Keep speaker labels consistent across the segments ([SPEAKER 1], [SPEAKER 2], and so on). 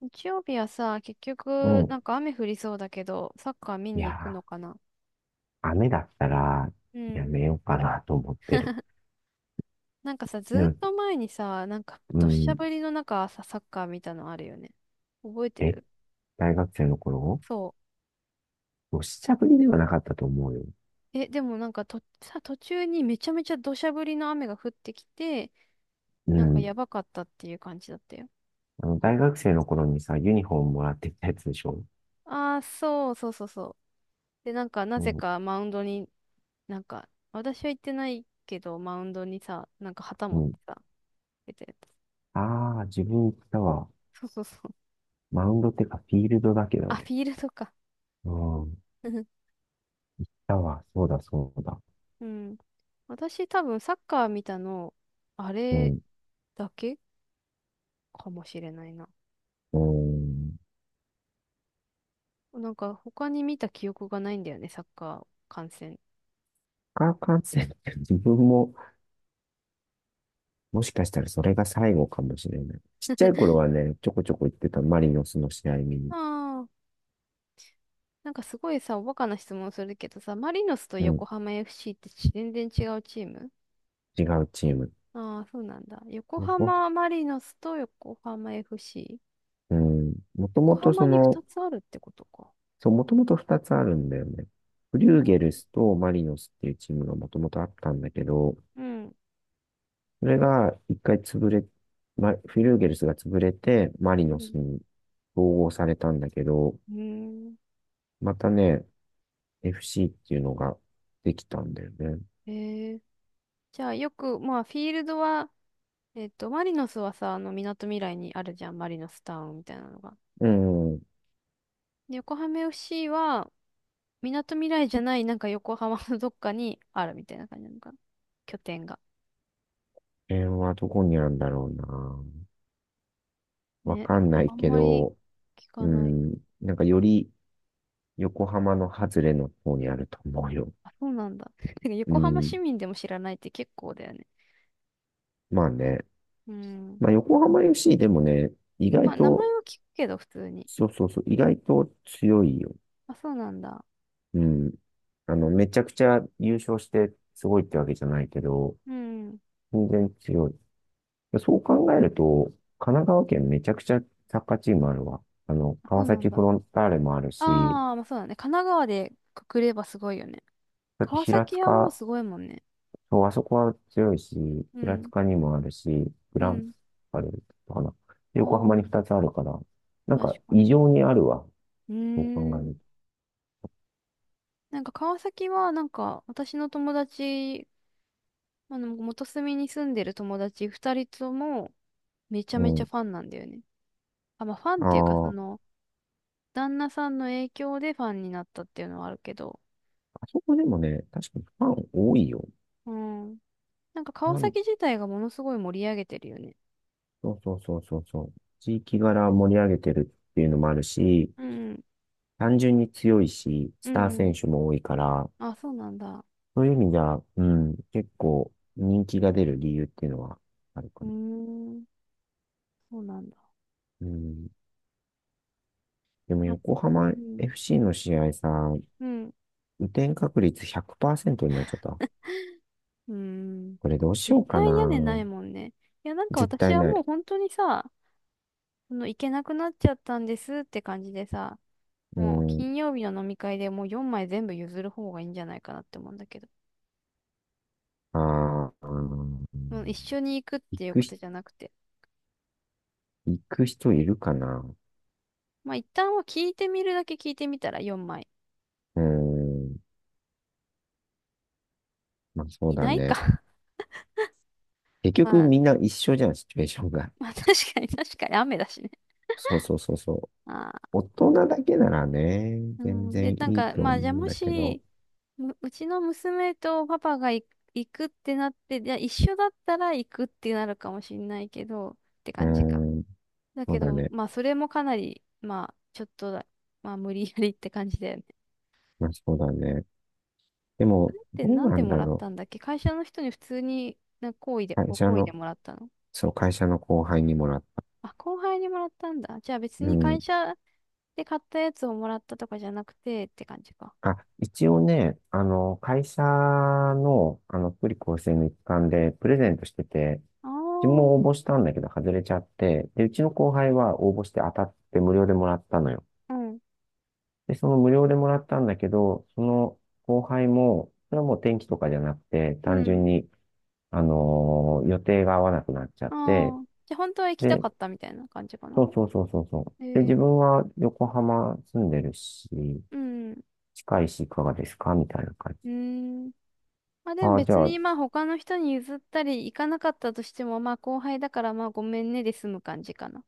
[SPEAKER 1] 日曜日はさ、結
[SPEAKER 2] う
[SPEAKER 1] 局、な
[SPEAKER 2] ん。
[SPEAKER 1] んか雨降りそうだけど、サッカー見
[SPEAKER 2] いや
[SPEAKER 1] に行くのか
[SPEAKER 2] ー、
[SPEAKER 1] な。
[SPEAKER 2] 雨だったら
[SPEAKER 1] う
[SPEAKER 2] や
[SPEAKER 1] ん。
[SPEAKER 2] めようかなと思ってる。
[SPEAKER 1] なんかさ、
[SPEAKER 2] で
[SPEAKER 1] ずっ
[SPEAKER 2] も、
[SPEAKER 1] と前にさ、なんか、
[SPEAKER 2] う
[SPEAKER 1] どっしゃ
[SPEAKER 2] ん。
[SPEAKER 1] 降りの中、さ、サッカー見たのあるよね。覚えて
[SPEAKER 2] え、
[SPEAKER 1] る？
[SPEAKER 2] 大学生の頃
[SPEAKER 1] そ
[SPEAKER 2] おしちゃぶりではなかったと思うよ。
[SPEAKER 1] う。え、でもなんかさ、途中にめちゃめちゃ土砂降りの雨が降ってきて、
[SPEAKER 2] う
[SPEAKER 1] なんか
[SPEAKER 2] ん。
[SPEAKER 1] やばかったっていう感じだったよ。
[SPEAKER 2] あの、大学生の頃にさ、ユニフォームもらってきたやつでしょ？
[SPEAKER 1] ああ、そうそうそうそう。で、なんか、
[SPEAKER 2] う
[SPEAKER 1] なぜ
[SPEAKER 2] ん。
[SPEAKER 1] かマウンドに、なんか、私は行ってないけど、マウンドにさ、なんか旗持
[SPEAKER 2] う
[SPEAKER 1] っ
[SPEAKER 2] ん。
[SPEAKER 1] てさ、出てた。
[SPEAKER 2] ああ、自分行ったわ。
[SPEAKER 1] そうそうそう。
[SPEAKER 2] マウンドってか、フィールドだけど
[SPEAKER 1] あ、フ
[SPEAKER 2] ね。
[SPEAKER 1] ィールドか。
[SPEAKER 2] うん。行っ たわ。そうだ、そうだ。
[SPEAKER 1] うん。私多分サッカー見たの、あ
[SPEAKER 2] う
[SPEAKER 1] れ
[SPEAKER 2] ん。
[SPEAKER 1] だけかもしれないな。
[SPEAKER 2] うん。
[SPEAKER 1] なんか他に見た記憶がないんだよね、サッカー観戦。
[SPEAKER 2] 化学感染って自分ももしかしたらそれが最後かもしれない。ちっちゃい頃はね、ちょこちょこ行ってたマリノスの試合見に。
[SPEAKER 1] ああ、なんかすごいさ、おバカな質問するけどさ、マリノスと
[SPEAKER 2] う
[SPEAKER 1] 横
[SPEAKER 2] ん、
[SPEAKER 1] 浜 FC って全然違うチーム？
[SPEAKER 2] 違うチーム。
[SPEAKER 1] ああー、そうなんだ。横
[SPEAKER 2] ね、
[SPEAKER 1] 浜マリノスと横浜 FC。
[SPEAKER 2] うん、もと
[SPEAKER 1] 横
[SPEAKER 2] もと
[SPEAKER 1] 浜
[SPEAKER 2] そ
[SPEAKER 1] に2
[SPEAKER 2] の、
[SPEAKER 1] つあるってことか。
[SPEAKER 2] そう、もともと2つあるんだよね。フ
[SPEAKER 1] う
[SPEAKER 2] リ
[SPEAKER 1] ー
[SPEAKER 2] ューゲル
[SPEAKER 1] ん。
[SPEAKER 2] スとマリノスっていうチームがもともとあったんだけど、
[SPEAKER 1] うん。
[SPEAKER 2] それが一回潰れ、ま、フリューゲルスが潰れて、マリノ
[SPEAKER 1] うん。
[SPEAKER 2] スに統合されたんだけど、
[SPEAKER 1] うーん。
[SPEAKER 2] またね、FC っていうのができたんだよね。
[SPEAKER 1] えー、じゃあよく、まあフィールドはマリノスはさ、あの、みなとみらいにあるじゃん、マリノスタウンみたいなのが。
[SPEAKER 2] うん。
[SPEAKER 1] で、横浜 FC は、みなとみらいじゃない、なんか横浜のどっかにあるみたいな感じなのかな。拠点が。
[SPEAKER 2] 辺はどこにあるんだろうな。わ
[SPEAKER 1] ね。
[SPEAKER 2] かんない
[SPEAKER 1] あん
[SPEAKER 2] け
[SPEAKER 1] まり
[SPEAKER 2] ど、
[SPEAKER 1] 聞
[SPEAKER 2] う
[SPEAKER 1] かない。
[SPEAKER 2] ん、なんかより横浜の外れの方にあると思うよ。
[SPEAKER 1] あ、そうなんだ。てか
[SPEAKER 2] う
[SPEAKER 1] 横浜
[SPEAKER 2] ん、
[SPEAKER 1] 市民でも知らないって結構だよね。
[SPEAKER 2] まあね。
[SPEAKER 1] うん。
[SPEAKER 2] まあ横浜 FC でもね、意
[SPEAKER 1] ま
[SPEAKER 2] 外
[SPEAKER 1] あ、名前
[SPEAKER 2] と、
[SPEAKER 1] は聞くけど、普通に。
[SPEAKER 2] そうそうそう、意外と強いよ。
[SPEAKER 1] あ、そうなんだ。
[SPEAKER 2] うん。あの、めちゃくちゃ優勝してすごいってわけじゃないけど、
[SPEAKER 1] うん。
[SPEAKER 2] 全然強い。そう考えると、神奈川県めちゃくちゃサッカーチームあるわ。あの、
[SPEAKER 1] あ、そ
[SPEAKER 2] 川
[SPEAKER 1] うな
[SPEAKER 2] 崎
[SPEAKER 1] んだ。
[SPEAKER 2] フロンターレもあるし、
[SPEAKER 1] ああ、まあそうだね。神奈川でくくればすごいよね。
[SPEAKER 2] だって
[SPEAKER 1] 川
[SPEAKER 2] 平
[SPEAKER 1] 崎はもう
[SPEAKER 2] 塚
[SPEAKER 1] すごいもんね。
[SPEAKER 2] そう、あそこは強いし、
[SPEAKER 1] う
[SPEAKER 2] 平
[SPEAKER 1] ん。
[SPEAKER 2] 塚にもあるし、グ
[SPEAKER 1] う
[SPEAKER 2] ラン
[SPEAKER 1] ん。
[SPEAKER 2] パレルとかな。
[SPEAKER 1] お
[SPEAKER 2] 横浜に
[SPEAKER 1] ー。
[SPEAKER 2] 2つあるから、なん
[SPEAKER 1] 確
[SPEAKER 2] か
[SPEAKER 1] かに。
[SPEAKER 2] 異常にあるわ、
[SPEAKER 1] うー
[SPEAKER 2] そう考え
[SPEAKER 1] ん。
[SPEAKER 2] る
[SPEAKER 1] なんか川崎は、なんか私の友達、あの、元住に住んでる友達二人ともめちゃ
[SPEAKER 2] と。
[SPEAKER 1] め
[SPEAKER 2] う
[SPEAKER 1] ちゃ
[SPEAKER 2] ん。
[SPEAKER 1] ファンなんだよね。あ、まあファンっていうか、そ
[SPEAKER 2] ああ、
[SPEAKER 1] の、旦那さんの影響でファンになったっていうのはあるけど、
[SPEAKER 2] あそこでもね、確かにファン多いよ。
[SPEAKER 1] うん。なんか川
[SPEAKER 2] なん、
[SPEAKER 1] 崎自体がものすごい盛り上げてるよね。
[SPEAKER 2] そうそうそうそうそう。地域柄盛り上げてるっていうのもあるし、
[SPEAKER 1] うん、
[SPEAKER 2] 単純に強いし、
[SPEAKER 1] う
[SPEAKER 2] スター
[SPEAKER 1] ん、うん。
[SPEAKER 2] 選手も多いから、
[SPEAKER 1] あ、そうなんだ。
[SPEAKER 2] そういう意味じゃ、うん、結構人気が出る理由っていうのはあるか
[SPEAKER 1] うー
[SPEAKER 2] な。
[SPEAKER 1] ん、そうなんだ。
[SPEAKER 2] うん。でも
[SPEAKER 1] あ、
[SPEAKER 2] 横浜
[SPEAKER 1] うん、
[SPEAKER 2] FC の試合さ、
[SPEAKER 1] うん、
[SPEAKER 2] 雨天確率100%になっちゃった。
[SPEAKER 1] うーん。
[SPEAKER 2] これどうし
[SPEAKER 1] 絶
[SPEAKER 2] ようかな。
[SPEAKER 1] 対屋根ないもんね。いや、なんか
[SPEAKER 2] 絶
[SPEAKER 1] 私
[SPEAKER 2] 対
[SPEAKER 1] は
[SPEAKER 2] な
[SPEAKER 1] もう
[SPEAKER 2] い。
[SPEAKER 1] 本当にさ、その行けなくなっちゃったんですって感じでさ、
[SPEAKER 2] う
[SPEAKER 1] もう
[SPEAKER 2] ん。
[SPEAKER 1] 金曜日の飲み会でもう4枚全部譲る方がいいんじゃないかなって思うんだけど、
[SPEAKER 2] ああ、うん、
[SPEAKER 1] もう一緒に行くっ
[SPEAKER 2] 行
[SPEAKER 1] ていう
[SPEAKER 2] く
[SPEAKER 1] こ
[SPEAKER 2] ひ、
[SPEAKER 1] とじゃなくて、
[SPEAKER 2] 行く人いるかな。
[SPEAKER 1] まあ一旦は聞いてみるだけ聞いてみたら4枚。
[SPEAKER 2] うん。まあそう
[SPEAKER 1] い
[SPEAKER 2] だ
[SPEAKER 1] ない
[SPEAKER 2] ね。
[SPEAKER 1] か。
[SPEAKER 2] 結 局
[SPEAKER 1] まあ、
[SPEAKER 2] みんな一緒じゃん、シチュエーションが。
[SPEAKER 1] まあ、確かに確かに雨だしね。
[SPEAKER 2] そうそうそうそう。
[SPEAKER 1] ああ、
[SPEAKER 2] 大人だけならね、
[SPEAKER 1] う
[SPEAKER 2] 全
[SPEAKER 1] ん。
[SPEAKER 2] 然
[SPEAKER 1] で、なん
[SPEAKER 2] いい
[SPEAKER 1] か、
[SPEAKER 2] と
[SPEAKER 1] ま
[SPEAKER 2] 思う
[SPEAKER 1] あじゃあ
[SPEAKER 2] ん
[SPEAKER 1] も
[SPEAKER 2] だけど。
[SPEAKER 1] し、うちの娘とパパが行くってなって、じゃあ一緒だったら行くってなるかもしんないけど、って
[SPEAKER 2] うー
[SPEAKER 1] 感じか。
[SPEAKER 2] ん。
[SPEAKER 1] だ
[SPEAKER 2] そ
[SPEAKER 1] け
[SPEAKER 2] うだ
[SPEAKER 1] ど、
[SPEAKER 2] ね。
[SPEAKER 1] まあ、それもかなり、まあ、ちょっとだ、まあ、無理やりって感じだよね。
[SPEAKER 2] まあそうだね。でも、
[SPEAKER 1] で、
[SPEAKER 2] どう
[SPEAKER 1] なん
[SPEAKER 2] な
[SPEAKER 1] で
[SPEAKER 2] ん
[SPEAKER 1] も
[SPEAKER 2] だ
[SPEAKER 1] らっ
[SPEAKER 2] ろ
[SPEAKER 1] たんだっけ？会社の人に普通に、好意で、
[SPEAKER 2] う。会
[SPEAKER 1] ご
[SPEAKER 2] 社
[SPEAKER 1] 好意で
[SPEAKER 2] の、
[SPEAKER 1] もらったの？
[SPEAKER 2] そう、会社の後輩にもらった。
[SPEAKER 1] あ、後輩にもらったんだ。じゃあ別
[SPEAKER 2] う
[SPEAKER 1] に
[SPEAKER 2] ーん。
[SPEAKER 1] 会社で買ったやつをもらったとかじゃなくてって感じか。
[SPEAKER 2] あ、一応ね、あの、会社の、あの、福利厚生の一環でプレゼントしてて、
[SPEAKER 1] あ
[SPEAKER 2] 自分も
[SPEAKER 1] あ、
[SPEAKER 2] 応募したんだけど外れちゃって、で、うちの後輩は応募して当たって無料でもらったのよ。
[SPEAKER 1] うん。
[SPEAKER 2] で、その無料でもらったんだけど、その後輩も、それはもう天気とかじゃなくて、
[SPEAKER 1] う
[SPEAKER 2] 単
[SPEAKER 1] ん。
[SPEAKER 2] 純に、予定が合わなくなっちゃって、
[SPEAKER 1] ああ。じゃあ本当は行きた
[SPEAKER 2] で、
[SPEAKER 1] かったみたいな感じかな。
[SPEAKER 2] そうそうそうそうそう。
[SPEAKER 1] え
[SPEAKER 2] で、自
[SPEAKER 1] ー、
[SPEAKER 2] 分は横浜住んでるし、
[SPEAKER 1] うん。う
[SPEAKER 2] 近いし、いかがですかみたいな感じ。
[SPEAKER 1] ーん。まあでも
[SPEAKER 2] ああ、じ
[SPEAKER 1] 別
[SPEAKER 2] ゃあ、
[SPEAKER 1] にまあ他の人に譲ったり行かなかったとしてもまあ後輩だからまあごめんねで済む感じかな。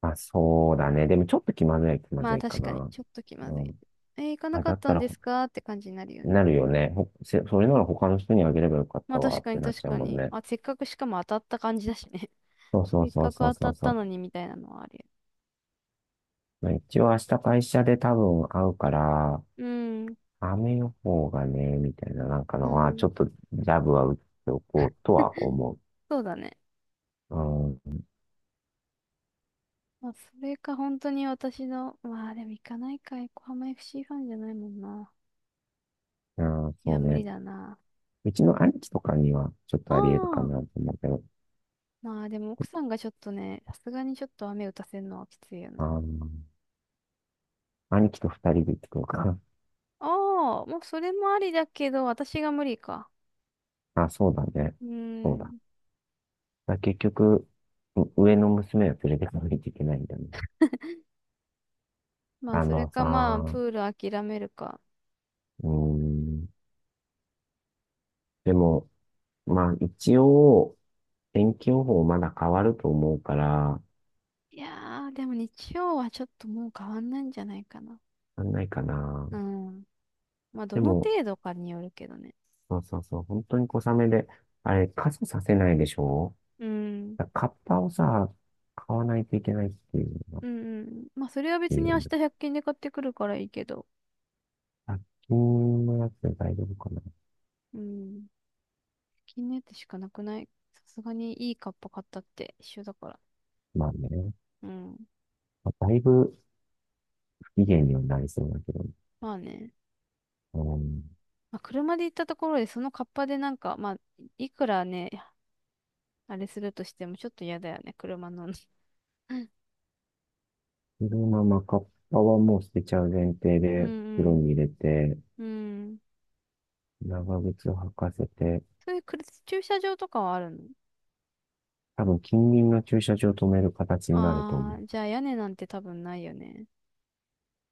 [SPEAKER 2] まあ、そうだね。でもちょっと気ま
[SPEAKER 1] ま
[SPEAKER 2] ず
[SPEAKER 1] あ
[SPEAKER 2] いか
[SPEAKER 1] 確かに、
[SPEAKER 2] な。
[SPEAKER 1] ちょっと気ま
[SPEAKER 2] う
[SPEAKER 1] ずいね。
[SPEAKER 2] ん。
[SPEAKER 1] えー行かな
[SPEAKER 2] あ、
[SPEAKER 1] か
[SPEAKER 2] だ
[SPEAKER 1] っ
[SPEAKER 2] っ
[SPEAKER 1] た
[SPEAKER 2] た
[SPEAKER 1] ん
[SPEAKER 2] ら
[SPEAKER 1] で
[SPEAKER 2] ほ、
[SPEAKER 1] すかって感じになるよね。
[SPEAKER 2] なるよね。それなら他の人にあげればよかっ
[SPEAKER 1] まあ
[SPEAKER 2] たわ
[SPEAKER 1] 確
[SPEAKER 2] っ
[SPEAKER 1] か
[SPEAKER 2] て
[SPEAKER 1] に
[SPEAKER 2] なっ
[SPEAKER 1] 確
[SPEAKER 2] ちゃう
[SPEAKER 1] か
[SPEAKER 2] もん
[SPEAKER 1] に。
[SPEAKER 2] ね。
[SPEAKER 1] あ、せっかくしかも当たった感じだしね。
[SPEAKER 2] そうそ
[SPEAKER 1] せ
[SPEAKER 2] う
[SPEAKER 1] っ
[SPEAKER 2] そう
[SPEAKER 1] かく
[SPEAKER 2] そう
[SPEAKER 1] 当た
[SPEAKER 2] そ
[SPEAKER 1] っ
[SPEAKER 2] うそ
[SPEAKER 1] た
[SPEAKER 2] う。
[SPEAKER 1] のにみたいなのはあるよ。
[SPEAKER 2] まあ、一応明日会社で多分会うから、
[SPEAKER 1] うん。
[SPEAKER 2] 雨予報がね、みたいななんか
[SPEAKER 1] う
[SPEAKER 2] のは、ち
[SPEAKER 1] ん。
[SPEAKER 2] ょっとジャブは打っておこうとは 思
[SPEAKER 1] そうだね。
[SPEAKER 2] う。うん。
[SPEAKER 1] まあそれか本当に私の、まあでも行かないか、横浜 FC フシーファンじゃないもんな。
[SPEAKER 2] ああ、
[SPEAKER 1] い
[SPEAKER 2] そ
[SPEAKER 1] や、
[SPEAKER 2] う
[SPEAKER 1] 無理
[SPEAKER 2] ね。
[SPEAKER 1] だな。
[SPEAKER 2] うちの兄貴とかにはちょっ
[SPEAKER 1] あ
[SPEAKER 2] とあり得るか
[SPEAKER 1] あ。
[SPEAKER 2] なと思うけど。
[SPEAKER 1] まあでも奥さんがちょっとね、さすがにちょっと雨打たせるのはきついよな。
[SPEAKER 2] あー、兄貴と二人で行ってくるかな。
[SPEAKER 1] ああ、もうそれもありだけど、私が無理か。
[SPEAKER 2] あ、そうだね。
[SPEAKER 1] う
[SPEAKER 2] そう
[SPEAKER 1] ー
[SPEAKER 2] だね。
[SPEAKER 1] ん。
[SPEAKER 2] だから結局、上の娘は連れてかないといけないんだね。
[SPEAKER 1] まあ、
[SPEAKER 2] あ
[SPEAKER 1] それ
[SPEAKER 2] の
[SPEAKER 1] かまあ、
[SPEAKER 2] さ、
[SPEAKER 1] プール諦めるか。
[SPEAKER 2] うーん。でも、まあ一応、天気予報まだ変わると思うから、
[SPEAKER 1] いやー、でも日曜はちょっともう変わんないんじゃないかな。
[SPEAKER 2] なんないかな。
[SPEAKER 1] うん。まあ、ど
[SPEAKER 2] で
[SPEAKER 1] の
[SPEAKER 2] も、
[SPEAKER 1] 程度かによるけどね。
[SPEAKER 2] そうそうそう、本当に小雨で、あれ、傘させないでしょ？
[SPEAKER 1] うん。
[SPEAKER 2] だからカッパをさ、買わないといけないっていうのが、っ
[SPEAKER 1] うんうん。まあ、それは
[SPEAKER 2] て
[SPEAKER 1] 別
[SPEAKER 2] い
[SPEAKER 1] に明
[SPEAKER 2] う
[SPEAKER 1] 日
[SPEAKER 2] ね。
[SPEAKER 1] 100均で買ってくるからいいけど。
[SPEAKER 2] 1均のやつで大丈夫かな。
[SPEAKER 1] うん。100均のやつしかなくない？さすがにいいカッパ買ったって一緒だから。
[SPEAKER 2] まあね。
[SPEAKER 1] うん。
[SPEAKER 2] まあだいぶ不機嫌にはなりそうだけど。
[SPEAKER 1] まあね。
[SPEAKER 2] うん。
[SPEAKER 1] まあ、車で行ったところでそのカッパでなんか、まあ、いくらね、あれするとしてもちょっと嫌だよね。車の。うん
[SPEAKER 2] そのままカッパはもう捨てちゃう前提
[SPEAKER 1] う
[SPEAKER 2] で袋
[SPEAKER 1] ん。
[SPEAKER 2] に入れて、
[SPEAKER 1] うん。
[SPEAKER 2] 長靴を履かせて、
[SPEAKER 1] そういうくる駐車場とかはあるの？
[SPEAKER 2] 多分近隣の駐車場を止める形になると思
[SPEAKER 1] あ
[SPEAKER 2] う。
[SPEAKER 1] あー、じゃあ屋根なんて多分ないよね。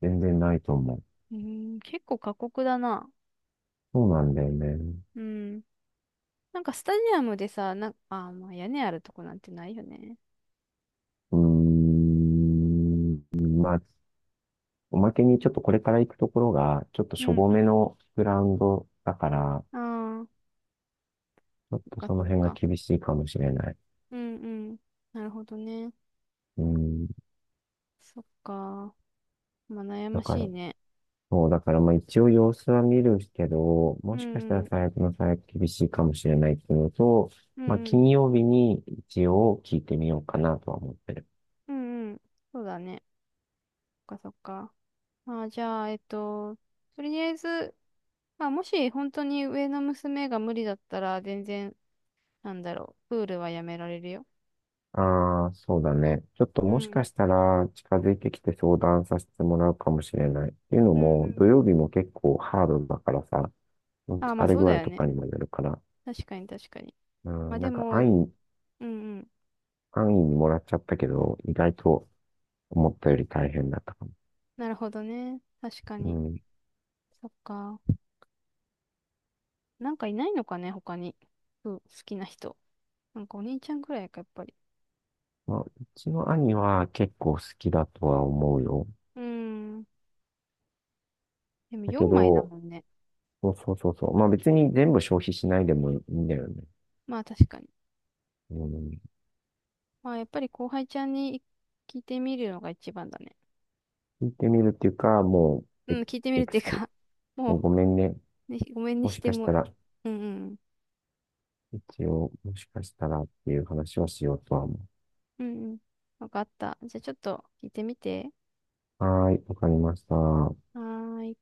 [SPEAKER 2] 全然ないと思う。
[SPEAKER 1] うーん、結構過酷だな。
[SPEAKER 2] そうなんだよね。
[SPEAKER 1] うん。なんかスタジアムでさ、な、あー、まあ屋根あるとこなんてないよね。
[SPEAKER 2] うーん、まあ、おまけにちょっとこれから行くところが、ちょっと
[SPEAKER 1] う
[SPEAKER 2] しょ
[SPEAKER 1] ん。
[SPEAKER 2] ぼめのグラウンドだから、
[SPEAKER 1] ああ、
[SPEAKER 2] ちょっ
[SPEAKER 1] そっ
[SPEAKER 2] と
[SPEAKER 1] か
[SPEAKER 2] そ
[SPEAKER 1] そ
[SPEAKER 2] の
[SPEAKER 1] っ
[SPEAKER 2] 辺が
[SPEAKER 1] か。
[SPEAKER 2] 厳しいかもしれない。
[SPEAKER 1] うんうん。なるほどね。
[SPEAKER 2] うん、
[SPEAKER 1] そっか。まあ悩
[SPEAKER 2] だ
[SPEAKER 1] まし
[SPEAKER 2] か
[SPEAKER 1] い
[SPEAKER 2] ら、
[SPEAKER 1] ね。
[SPEAKER 2] そう、だからまあ一応様子は見るけど、
[SPEAKER 1] う
[SPEAKER 2] もしかした
[SPEAKER 1] んう
[SPEAKER 2] ら
[SPEAKER 1] ん。
[SPEAKER 2] 最悪の最悪厳しいかもしれないっていうのと、
[SPEAKER 1] う
[SPEAKER 2] まあ
[SPEAKER 1] んうん。
[SPEAKER 2] 金曜日に一応聞いてみようかなとは思ってる。
[SPEAKER 1] うんうん。そうだね。そっかそっか。まあじゃあ、とりあえず、まあもし本当に上の娘が無理だったら全然なんだろう。プールはやめられるよ。
[SPEAKER 2] ああ、そうだね。ちょっと
[SPEAKER 1] う
[SPEAKER 2] もし
[SPEAKER 1] ん。
[SPEAKER 2] かしたら近づいてきて相談させてもらうかもしれない。っていうの
[SPEAKER 1] うんう
[SPEAKER 2] も、土
[SPEAKER 1] ん。
[SPEAKER 2] 曜日も結構ハードだからさ、
[SPEAKER 1] ああ、ま
[SPEAKER 2] 疲
[SPEAKER 1] あ
[SPEAKER 2] れ
[SPEAKER 1] そう
[SPEAKER 2] 具
[SPEAKER 1] だ
[SPEAKER 2] 合
[SPEAKER 1] よ
[SPEAKER 2] とか
[SPEAKER 1] ね。
[SPEAKER 2] にもよるから、
[SPEAKER 1] 確かに確かに。
[SPEAKER 2] う
[SPEAKER 1] まあ
[SPEAKER 2] ん、
[SPEAKER 1] でも、うんうん。
[SPEAKER 2] 安易にもらっちゃったけど、意外と思ったより大変だったかも。
[SPEAKER 1] なるほどね。確か
[SPEAKER 2] う
[SPEAKER 1] に。
[SPEAKER 2] ん、
[SPEAKER 1] そっか。なんかいないのかね、他に。うん、好きな人。なんかお兄ちゃんくらいか、やっぱり。
[SPEAKER 2] まあ、うちの兄は結構好きだとは思うよ。
[SPEAKER 1] うーん。でも
[SPEAKER 2] だけ
[SPEAKER 1] 4枚だ
[SPEAKER 2] ど、
[SPEAKER 1] もんね。
[SPEAKER 2] そうそうそうそう。まあ別に全部消費しないでもいいんだよね。
[SPEAKER 1] まあ確かに。
[SPEAKER 2] うん。
[SPEAKER 1] まあやっぱり後輩ちゃんに聞いてみるのが一番だね。
[SPEAKER 2] 聞いてみるっていうか、もう、エ
[SPEAKER 1] うん、聞いてみる
[SPEAKER 2] エ
[SPEAKER 1] っ
[SPEAKER 2] ク
[SPEAKER 1] てい
[SPEAKER 2] ス
[SPEAKER 1] う
[SPEAKER 2] キュ、
[SPEAKER 1] か
[SPEAKER 2] もう
[SPEAKER 1] も
[SPEAKER 2] ごめんね。
[SPEAKER 1] う、ね、ごめんに
[SPEAKER 2] も
[SPEAKER 1] し
[SPEAKER 2] し
[SPEAKER 1] て
[SPEAKER 2] かした
[SPEAKER 1] も。
[SPEAKER 2] ら、
[SPEAKER 1] うんうん。
[SPEAKER 2] 一応、もしかしたらっていう話をしようとは思
[SPEAKER 1] うんうん。わかった。じゃあちょっと聞いてみて。
[SPEAKER 2] う。はーい、わかりました。
[SPEAKER 1] はーい。